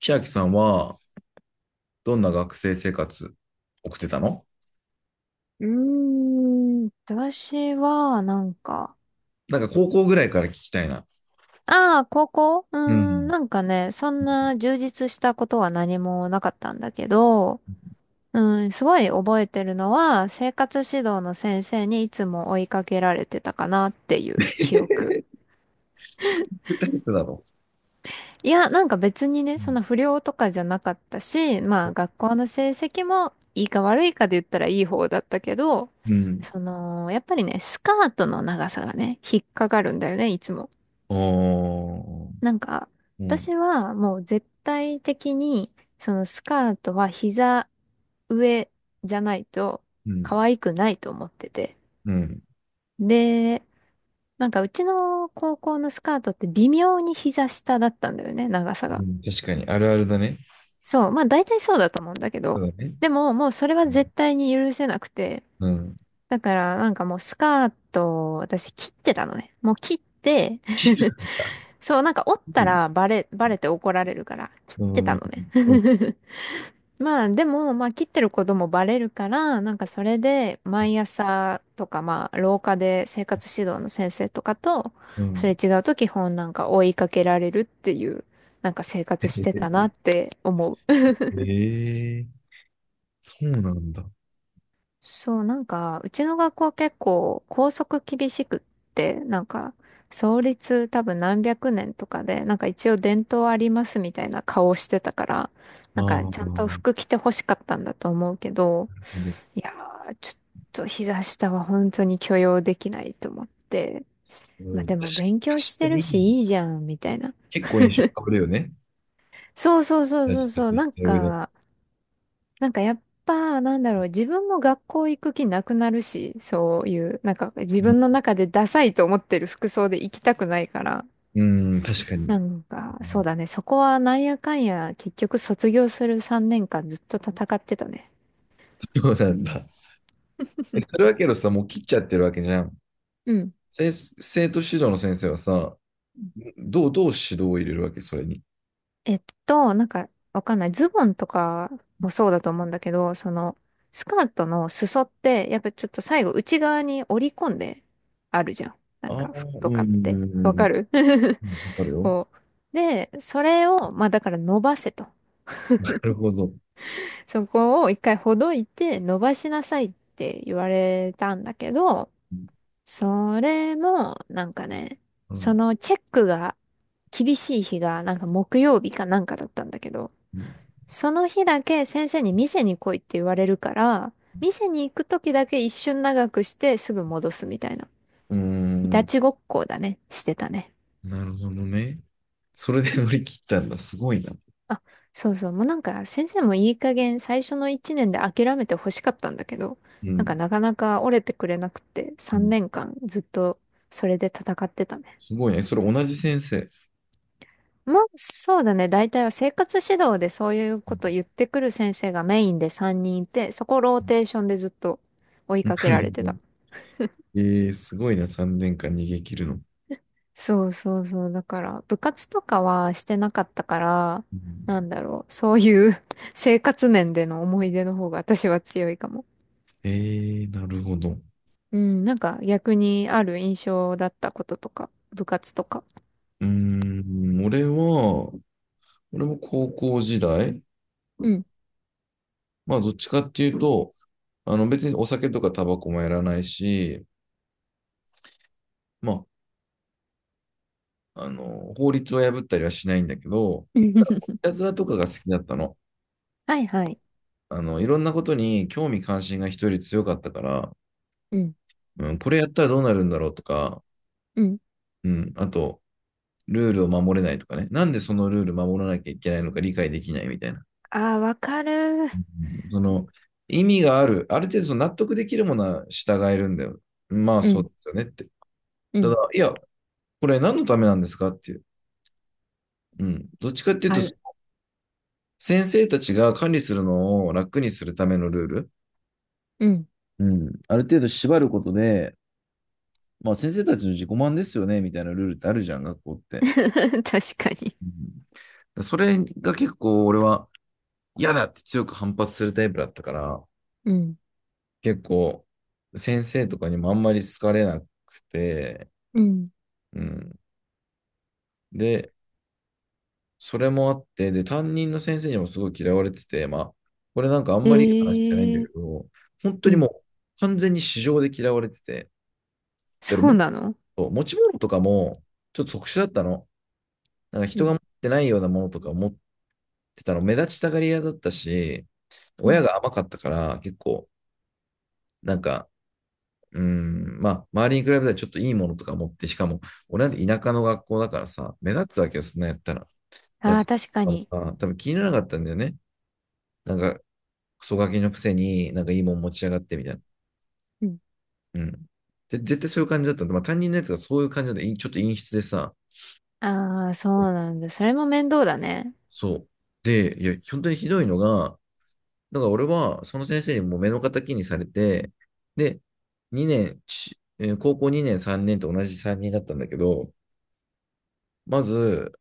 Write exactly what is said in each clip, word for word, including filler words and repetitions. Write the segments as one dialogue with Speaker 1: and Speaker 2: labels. Speaker 1: 平木さんはどんな学生生活送ってたの
Speaker 2: うーん、私は、なんか、
Speaker 1: なんか高校ぐらいから聞きたいな。
Speaker 2: ああ、高校うー
Speaker 1: う
Speaker 2: ん、
Speaker 1: ん。
Speaker 2: なんかね、そんな充実したことは何もなかったんだけど、うん、すごい覚えてるのは、生活指導の先生にいつも追いかけられてたかなっていう記憶。
Speaker 1: そういうタイプだろ
Speaker 2: いや、なんか別にね、
Speaker 1: う。う
Speaker 2: そん
Speaker 1: ん。
Speaker 2: な不良とかじゃなかったし、まあ学校の成績もいいか悪いかで言ったらいい方だったけど、
Speaker 1: うん。
Speaker 2: その、やっぱりね、スカートの長さがね、引っかかるんだよね、いつも。
Speaker 1: おー。
Speaker 2: なんか、
Speaker 1: うん。
Speaker 2: 私はもう絶対的に、そのスカートは膝上じゃないと
Speaker 1: うん。
Speaker 2: 可愛くないと思ってて。
Speaker 1: うん。
Speaker 2: で、なんかうちの高校のスカートって微妙に膝下だったんだよね、長さ
Speaker 1: う
Speaker 2: が。
Speaker 1: ん。確かに、あるあるだね。
Speaker 2: そう、まあ大体そうだと思うんだけ
Speaker 1: そ
Speaker 2: ど。
Speaker 1: うだね。
Speaker 2: でももうそれは絶対に許せなくて。
Speaker 1: うん。うん。
Speaker 2: だからなんかもうスカートを私切ってたのね。もう切って そう、なんか折ったらバレ、バレて怒られるから切っ
Speaker 1: う
Speaker 2: てた
Speaker 1: ん。
Speaker 2: の
Speaker 1: うん。
Speaker 2: ね。まあでも、まあ切ってることもバレるから、なんかそれで毎朝とかまあ廊下で生活指導の先生とかと、
Speaker 1: う
Speaker 2: それ
Speaker 1: ん。
Speaker 2: 違うと基本なんか追いかけられるっていう、なんか生活してた なって思う。
Speaker 1: ええ、そうなんだ。あ
Speaker 2: そう、なんかうちの学校結構校則厳しくって、なんか創立多分何百年とかで、なんか一応伝統ありますみたいな顔してたから、
Speaker 1: あ、
Speaker 2: なんか
Speaker 1: な
Speaker 2: ちゃん
Speaker 1: る
Speaker 2: と
Speaker 1: ほ
Speaker 2: 服着て欲しかったんだと思うけど、
Speaker 1: ど。
Speaker 2: いやー、ちょっと膝下は本当に許容できないと思って。
Speaker 1: う
Speaker 2: まあ
Speaker 1: ん、
Speaker 2: で
Speaker 1: 確か
Speaker 2: も勉強し
Speaker 1: 確か
Speaker 2: てる
Speaker 1: に、
Speaker 2: しいいじゃん、みたいな。
Speaker 1: 結構印象変わるよね。
Speaker 2: そうそうそう
Speaker 1: 大
Speaker 2: そう
Speaker 1: 事だと
Speaker 2: そう。
Speaker 1: 言っ
Speaker 2: なん
Speaker 1: た上で。
Speaker 2: か、なんかやっぱ、なんだろう、自分も学校行く気なくなるし、そういう、なんか自分の
Speaker 1: う
Speaker 2: 中でダサいと思ってる服装で行きたくないから。
Speaker 1: ん、うん、確かに。
Speaker 2: なんか、そう だね、そこはなんやかんや、結局卒業するさんねんかんずっと戦ってたね。
Speaker 1: そうなんだ。え、それ はけどさ、もう切っちゃってるわけじゃん。
Speaker 2: うん。
Speaker 1: 先生、徒指導の先生はさ、どう、どう指導を入れるわけ、それに。
Speaker 2: えっと、なんか、わかんない。ズボンとかもそうだと思うんだけど、その、スカートの裾って、やっぱちょっと最後内側に折り込んであるじゃん。な
Speaker 1: あ
Speaker 2: ん
Speaker 1: あ、
Speaker 2: か、服と
Speaker 1: うん
Speaker 2: か
Speaker 1: う
Speaker 2: っ
Speaker 1: ん
Speaker 2: て。
Speaker 1: うんう
Speaker 2: わ
Speaker 1: ん
Speaker 2: かる
Speaker 1: う ん。わかるよ。
Speaker 2: こう。で、それを、まあだから伸ばせと。
Speaker 1: なるほど。
Speaker 2: そこを一回ほどいて伸ばしなさいって言われたんだけど、
Speaker 1: うん。
Speaker 2: それも、なんかね、
Speaker 1: う
Speaker 2: そ
Speaker 1: ん。
Speaker 2: のチェックが厳しい日が、なんか木曜日かなんかだったんだけど、その日だけ先生に店に来いって言われるから、店に行く時だけ一瞬長くしてすぐ戻すみたいな。
Speaker 1: うー
Speaker 2: いた
Speaker 1: ん、
Speaker 2: ちごっこだね。してたね。
Speaker 1: なるほどね。それで乗り切ったんだ。すごいな。
Speaker 2: あ、そうそう。もうなんか先生もいい加減最初のいちねんで諦めてほしかったんだけど、
Speaker 1: う
Speaker 2: なんか
Speaker 1: ん。
Speaker 2: なかなか折れてくれなくて
Speaker 1: う
Speaker 2: 3
Speaker 1: ん。
Speaker 2: 年間ずっとそれで戦ってたね。
Speaker 1: すごいね。それ同じ先生。
Speaker 2: まあそうだね。大体は生活指導でそういう
Speaker 1: う
Speaker 2: こと
Speaker 1: ん、
Speaker 2: 言ってくる先生がメインでさんにんいて、そこローテーションでずっと追い
Speaker 1: な
Speaker 2: かけ
Speaker 1: る
Speaker 2: られて
Speaker 1: ほど。
Speaker 2: た。
Speaker 1: えー、すごいな。さんねんかん逃げ切るの。
Speaker 2: そうそうそう。だから、部活とかはしてなかったから、
Speaker 1: う
Speaker 2: なん
Speaker 1: ん、
Speaker 2: だろう。そういう 生活面での思い出の方が私は強いかも。
Speaker 1: えー、なるほど。う
Speaker 2: うん、なんか逆にある印象だったこととか、部活とか。
Speaker 1: ーん。俺は、俺も高校時代、
Speaker 2: うん。
Speaker 1: まあどっちかっていうと、あの別にお酒とかタバコもやらないし、まあ、あの、法律を破ったりはしないんだけど、い たずらとかが好きだったの。
Speaker 2: はいはい。
Speaker 1: あの、いろんなことに興味関心が人より強かったから、
Speaker 2: うん。
Speaker 1: うん、これやったらどうなるんだろうとか、
Speaker 2: うん。
Speaker 1: うん、あと、ルールを守れないとかね、なんでそのルール守らなきゃいけないのか理解できないみたいな。
Speaker 2: ああ、わかる。
Speaker 1: うん、その、意味がある、ある程度その納得できるものは従えるんだよ。まあ
Speaker 2: う
Speaker 1: そう
Speaker 2: ん。
Speaker 1: ですよねって。
Speaker 2: う
Speaker 1: ただ、
Speaker 2: ん。
Speaker 1: いや、これ何のためなんですかっていう。うん。どっちかっていう
Speaker 2: あ
Speaker 1: と、
Speaker 2: る。
Speaker 1: 先生たちが管理するのを楽にするためのルール。
Speaker 2: うん。
Speaker 1: うん。ある程度縛ることで、まあ先生たちの自己満ですよね、みたいなルールってあるじゃん、学校って。
Speaker 2: 確かに。
Speaker 1: うん、それが結構俺は嫌だって強く反発するタイプだったから、
Speaker 2: うん。
Speaker 1: 結構先生とかにもあんまり好かれなくて、
Speaker 2: うん。
Speaker 1: うん。で、それもあって、で、担任の先生にもすごい嫌われてて、まあ、これなんかあんまりいい話してないん
Speaker 2: ええ
Speaker 1: だけ
Speaker 2: ー。
Speaker 1: ど、本当
Speaker 2: う
Speaker 1: にも
Speaker 2: ん。
Speaker 1: う完全に市場で嫌われてて、だから
Speaker 2: そ
Speaker 1: も
Speaker 2: う
Speaker 1: っ
Speaker 2: なの。
Speaker 1: と持ち物とかもちょっと特殊だったの。なんか
Speaker 2: う
Speaker 1: 人が
Speaker 2: ん。
Speaker 1: 持ってないようなものとか持ってたの、目立ちたがり屋だったし、
Speaker 2: う
Speaker 1: 親
Speaker 2: ん。
Speaker 1: が甘かったから結構、なんか、うーん、まあ、周りに比べたらちょっといいものとか持って、しかも、俺なんて田舎の学校だからさ、目立つわけよ、そんなんやったら。だから
Speaker 2: ああ、
Speaker 1: 先
Speaker 2: 確か
Speaker 1: 生と
Speaker 2: に。
Speaker 1: かもさ、多分気にならなかったんだよね。なんか、クソガキのくせになんかいいもん持ち上がってみたいな。うん。で、絶対そういう感じだったんで、まあ担任のやつがそういう感じで、ちょっと陰湿でさ、
Speaker 2: ああ、そうなんだ。それも面倒だね。
Speaker 1: そう。で、いや、本当にひどいのが、だから俺はその先生にもう目の敵にされて、で、にねん、ちえー高校にねん、さんねんと同じさんにんだったんだけど、まず、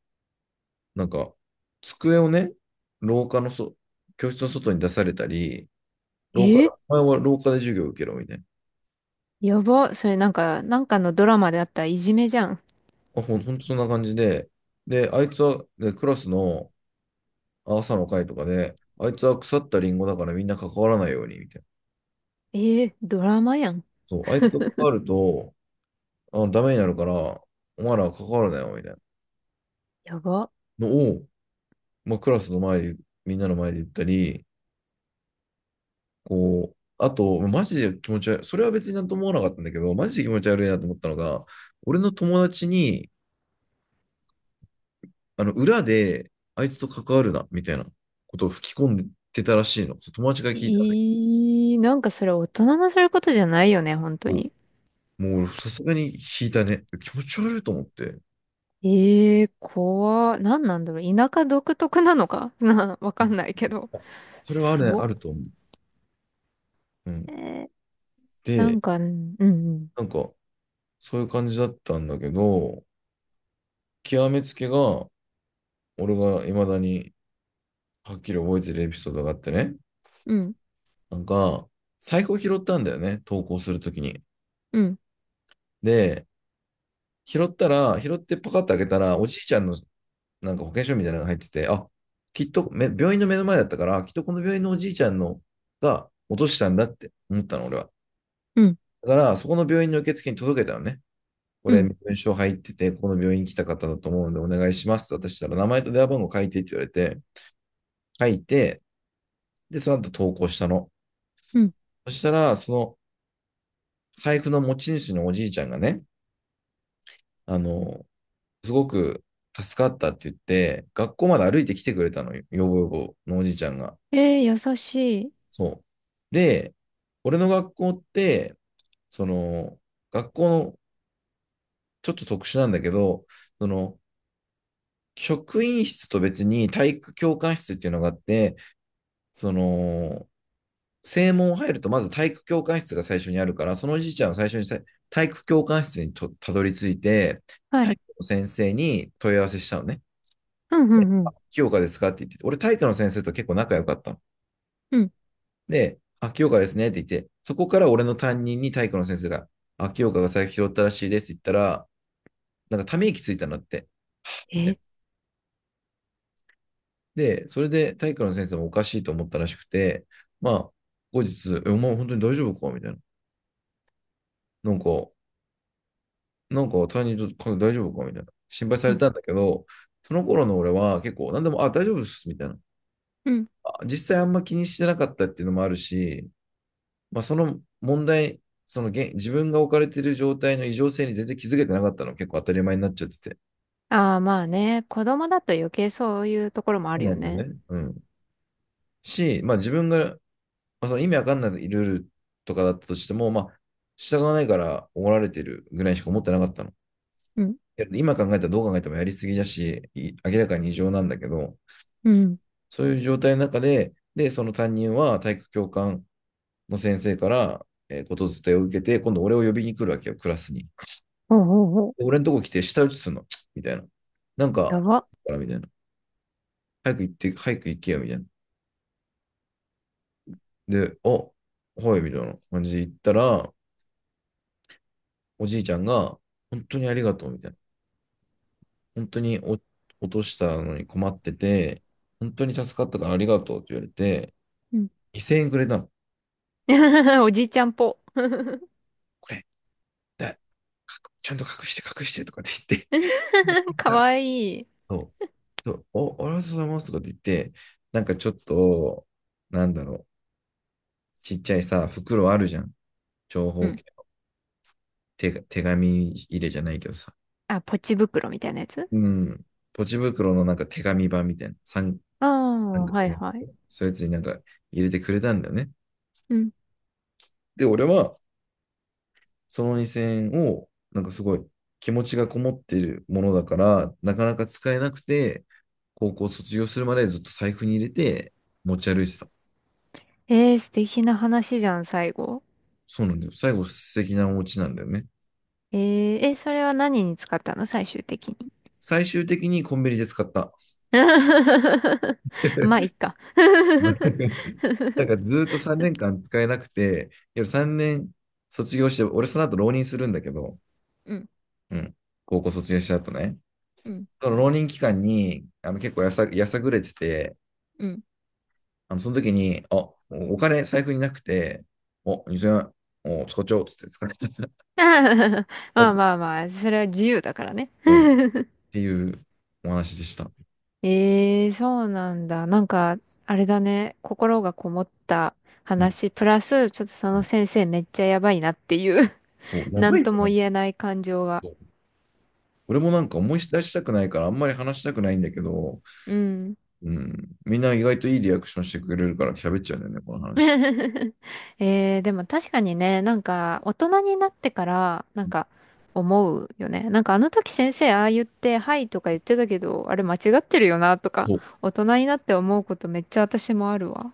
Speaker 1: なんか、机をね、廊下のそ、教室の外に出されたり、廊下で、
Speaker 2: え、
Speaker 1: お前は廊下で授業を受けろみたいな。
Speaker 2: やば。それなんか、なんかのドラマであったいじめじゃん。
Speaker 1: あ、ほん、ほんとそんな感じで、で、あいつは、で、クラスの朝の会とかで、あいつは腐ったリンゴだからみんな関わらないように、みたいな。
Speaker 2: えー、ドラマやん。
Speaker 1: そう、あいつと関わると、あ、ダメになるから、お前らは関わるなよ、みたいな
Speaker 2: やば。
Speaker 1: のを、まあ、クラスの前で、みんなの前で言ったり、こう、あと、マジで気持ち悪い、それは別になんとも思わなかったんだけど、マジで気持ち悪いなと思ったのが、俺の友達に、あの、裏で、あいつと関わるな、みたいなことを吹き込んでたらしいの。そう友達が聞いたんだけ
Speaker 2: いい、なんかそれ大人のすることじゃないよね、本当
Speaker 1: ど、
Speaker 2: に。
Speaker 1: もうさすがに引いたね。気持ち悪いと思って。
Speaker 2: ええー、怖。なんなんだろう。田舎独特なのか な、わかんないけど。
Speaker 1: あ、それはあ
Speaker 2: す
Speaker 1: るね、
Speaker 2: ごっ。
Speaker 1: あると思う。うん。
Speaker 2: えー、な
Speaker 1: で、
Speaker 2: んか、うん、うん、
Speaker 1: なんか、そういう感じだったんだけど、極めつけが、俺が未だにはっきり覚えてるエピソードがあってね。
Speaker 2: うん、
Speaker 1: なんか、財布を拾ったんだよね、投稿するときに。
Speaker 2: うん、
Speaker 1: で、拾ったら、拾ってパカッと開けたら、おじいちゃんのなんか保険証みたいなのが入ってて、あ、きっとめ、病院の目の前だったから、きっとこの病院のおじいちゃんのが落としたんだって思ったの、俺は。
Speaker 2: うん、
Speaker 1: だから、そこの病院の受付に届けたのね。こ
Speaker 2: う
Speaker 1: れ、
Speaker 2: ん、
Speaker 1: 身分証入ってて、ここの病院に来た方だと思うんで、お願いしますと私したら、名前と電話番号書いてって言われて、書いて、で、その後投稿したの。
Speaker 2: うん。
Speaker 1: そしたら、その財布の持ち主のおじいちゃんがね、あの、すごく助かったって言って、学校まで歩いて来てくれたのよ、よぼよぼのおじいちゃんが。
Speaker 2: えー、優しい。
Speaker 1: そう。で、俺の学校って、その、学校のちょっと特殊なんだけど、その、職員室と別に体育教官室っていうのがあって、その、正門入るとまず体育教官室が最初にあるから、そのおじいちゃんは最初にさ体育教官室にとたどり着いて、
Speaker 2: は
Speaker 1: 体
Speaker 2: い。
Speaker 1: 育の先生に問い合わせしたのね。
Speaker 2: うん、うん、うん、
Speaker 1: 清香ですかって言ってて、俺体育の先生と結構仲良かったの。
Speaker 2: うん。
Speaker 1: で、あ、清香ですねって言って、そこから俺の担任に体育の先生が、あ、清香が財布拾ったらしいですって言ったら、なんかため息ついたなって。
Speaker 2: えー、
Speaker 1: で、それで体育の先生もおかしいと思ったらしくて、まあ、後日、え、お前本当に大丈夫かみたいな。なんか、なんか担任と大丈夫かみたいな。心配さ
Speaker 2: う
Speaker 1: れ
Speaker 2: ん、
Speaker 1: たんだけど、その頃の俺は結構何でも、あ、大丈夫っす、みたいな。
Speaker 2: うん、
Speaker 1: あ、実際あんま気にしてなかったっていうのもあるし、まあ、その問題、その現自分が置かれている状態の異常性に全然気づけてなかったの、結構当たり前になっちゃってて。
Speaker 2: ああ、まあね。子供だと余計そういうところもあ
Speaker 1: そう
Speaker 2: る
Speaker 1: な
Speaker 2: よ
Speaker 1: んだよ
Speaker 2: ね。
Speaker 1: ね。うん。し、まあ自分がまあ、その意味わかんないルールとかだったとしても、まあ、従わないから怒られてるぐらいしか思ってなかったの。
Speaker 2: うん。
Speaker 1: 今考えたらどう考えてもやりすぎだし、明らかに異常なんだけど、
Speaker 2: うん。
Speaker 1: そういう状態の中で、で、その担任は体育教官の先生から、えー、ことづてを受けて、今度俺を呼びに来るわけよ、クラスに。
Speaker 2: ほうほうほう。
Speaker 1: 俺のとこ来て舌打ちするの、みたいな。なん
Speaker 2: や
Speaker 1: か、
Speaker 2: ば。
Speaker 1: からみたいな。早く行って、早く行けよ、みたいな。で、あ、はい、みたいな感じで行ったら、おじいちゃんが、本当にありがとう、みたいな。本当にお落としたのに困ってて、本当に助かったからありがとうって言われて、
Speaker 2: うん。
Speaker 1: にせんえんくれたの。
Speaker 2: おじいちゃんぽ。
Speaker 1: これ、だ、ちゃんと隠して隠してとかって言って持
Speaker 2: か
Speaker 1: たら、
Speaker 2: わいい。
Speaker 1: そう、そうお、ありがとうございますとかって言って、なんかちょっと、なんだろう、ちっちゃいさ、袋あるじゃん。長
Speaker 2: う
Speaker 1: 方
Speaker 2: ん。
Speaker 1: 形。手手紙入れじゃないけどさ。
Speaker 2: あ、ポチ袋みたいなやつ。
Speaker 1: うん。ポチ袋のなんか手紙版みたいな。三
Speaker 2: あ
Speaker 1: 三
Speaker 2: あ、
Speaker 1: 角
Speaker 2: はい
Speaker 1: な、っ
Speaker 2: はい。
Speaker 1: そういうやつになんか入れてくれたんだよね。
Speaker 2: うん。
Speaker 1: で、俺は、そのにせんえんを、なんかすごい気持ちがこもっているものだから、なかなか使えなくて、高校卒業するまでずっと財布に入れて持ち歩いてた。
Speaker 2: えー、素敵な話じゃん、最後。
Speaker 1: そうなんだよ。最後、素敵なお家なんだよね。
Speaker 2: えー、え、それは何に使ったの最終的に。
Speaker 1: 最終的にコンビニで使った。
Speaker 2: まあ、いっ か。
Speaker 1: なんかず ーっとさんねんかん使えなくて、さんねん卒業して、俺その後浪人するんだけど、
Speaker 2: うん、
Speaker 1: うん、高校卒業した後ね。
Speaker 2: うん、
Speaker 1: その浪人期間にあの結構やさ、やさぐれてて、
Speaker 2: うん。
Speaker 1: あの、その時に、あ、お金財布になくて、お、にせんえん、お、使っちゃおうっつって使っちゃった。
Speaker 2: まあまあまあ、それは自由だからね。
Speaker 1: うん、っ ていうお話でした。
Speaker 2: ええ、そうなんだ。なんか、あれだね。心がこもった
Speaker 1: うん。
Speaker 2: 話、プラス、ちょっとその先生めっちゃやばいなっていう
Speaker 1: そう、や
Speaker 2: な
Speaker 1: ば
Speaker 2: ん
Speaker 1: いよ
Speaker 2: とも
Speaker 1: ね。
Speaker 2: 言えない感情が。
Speaker 1: そう、俺もなんか思い出したくないから、あんまり話したくないんだけど、
Speaker 2: うん。
Speaker 1: うん、みんな意外といいリアクションしてくれるから喋っちゃうんだよね、この話。
Speaker 2: えー、でも確かにね、なんか、大人になってから、なんか、思うよね。なんかあの時先生ああ言って、はいとか言ってたけど、あれ間違ってるよなとか、
Speaker 1: そう
Speaker 2: 大人になって思うことめっちゃ私もあるわ。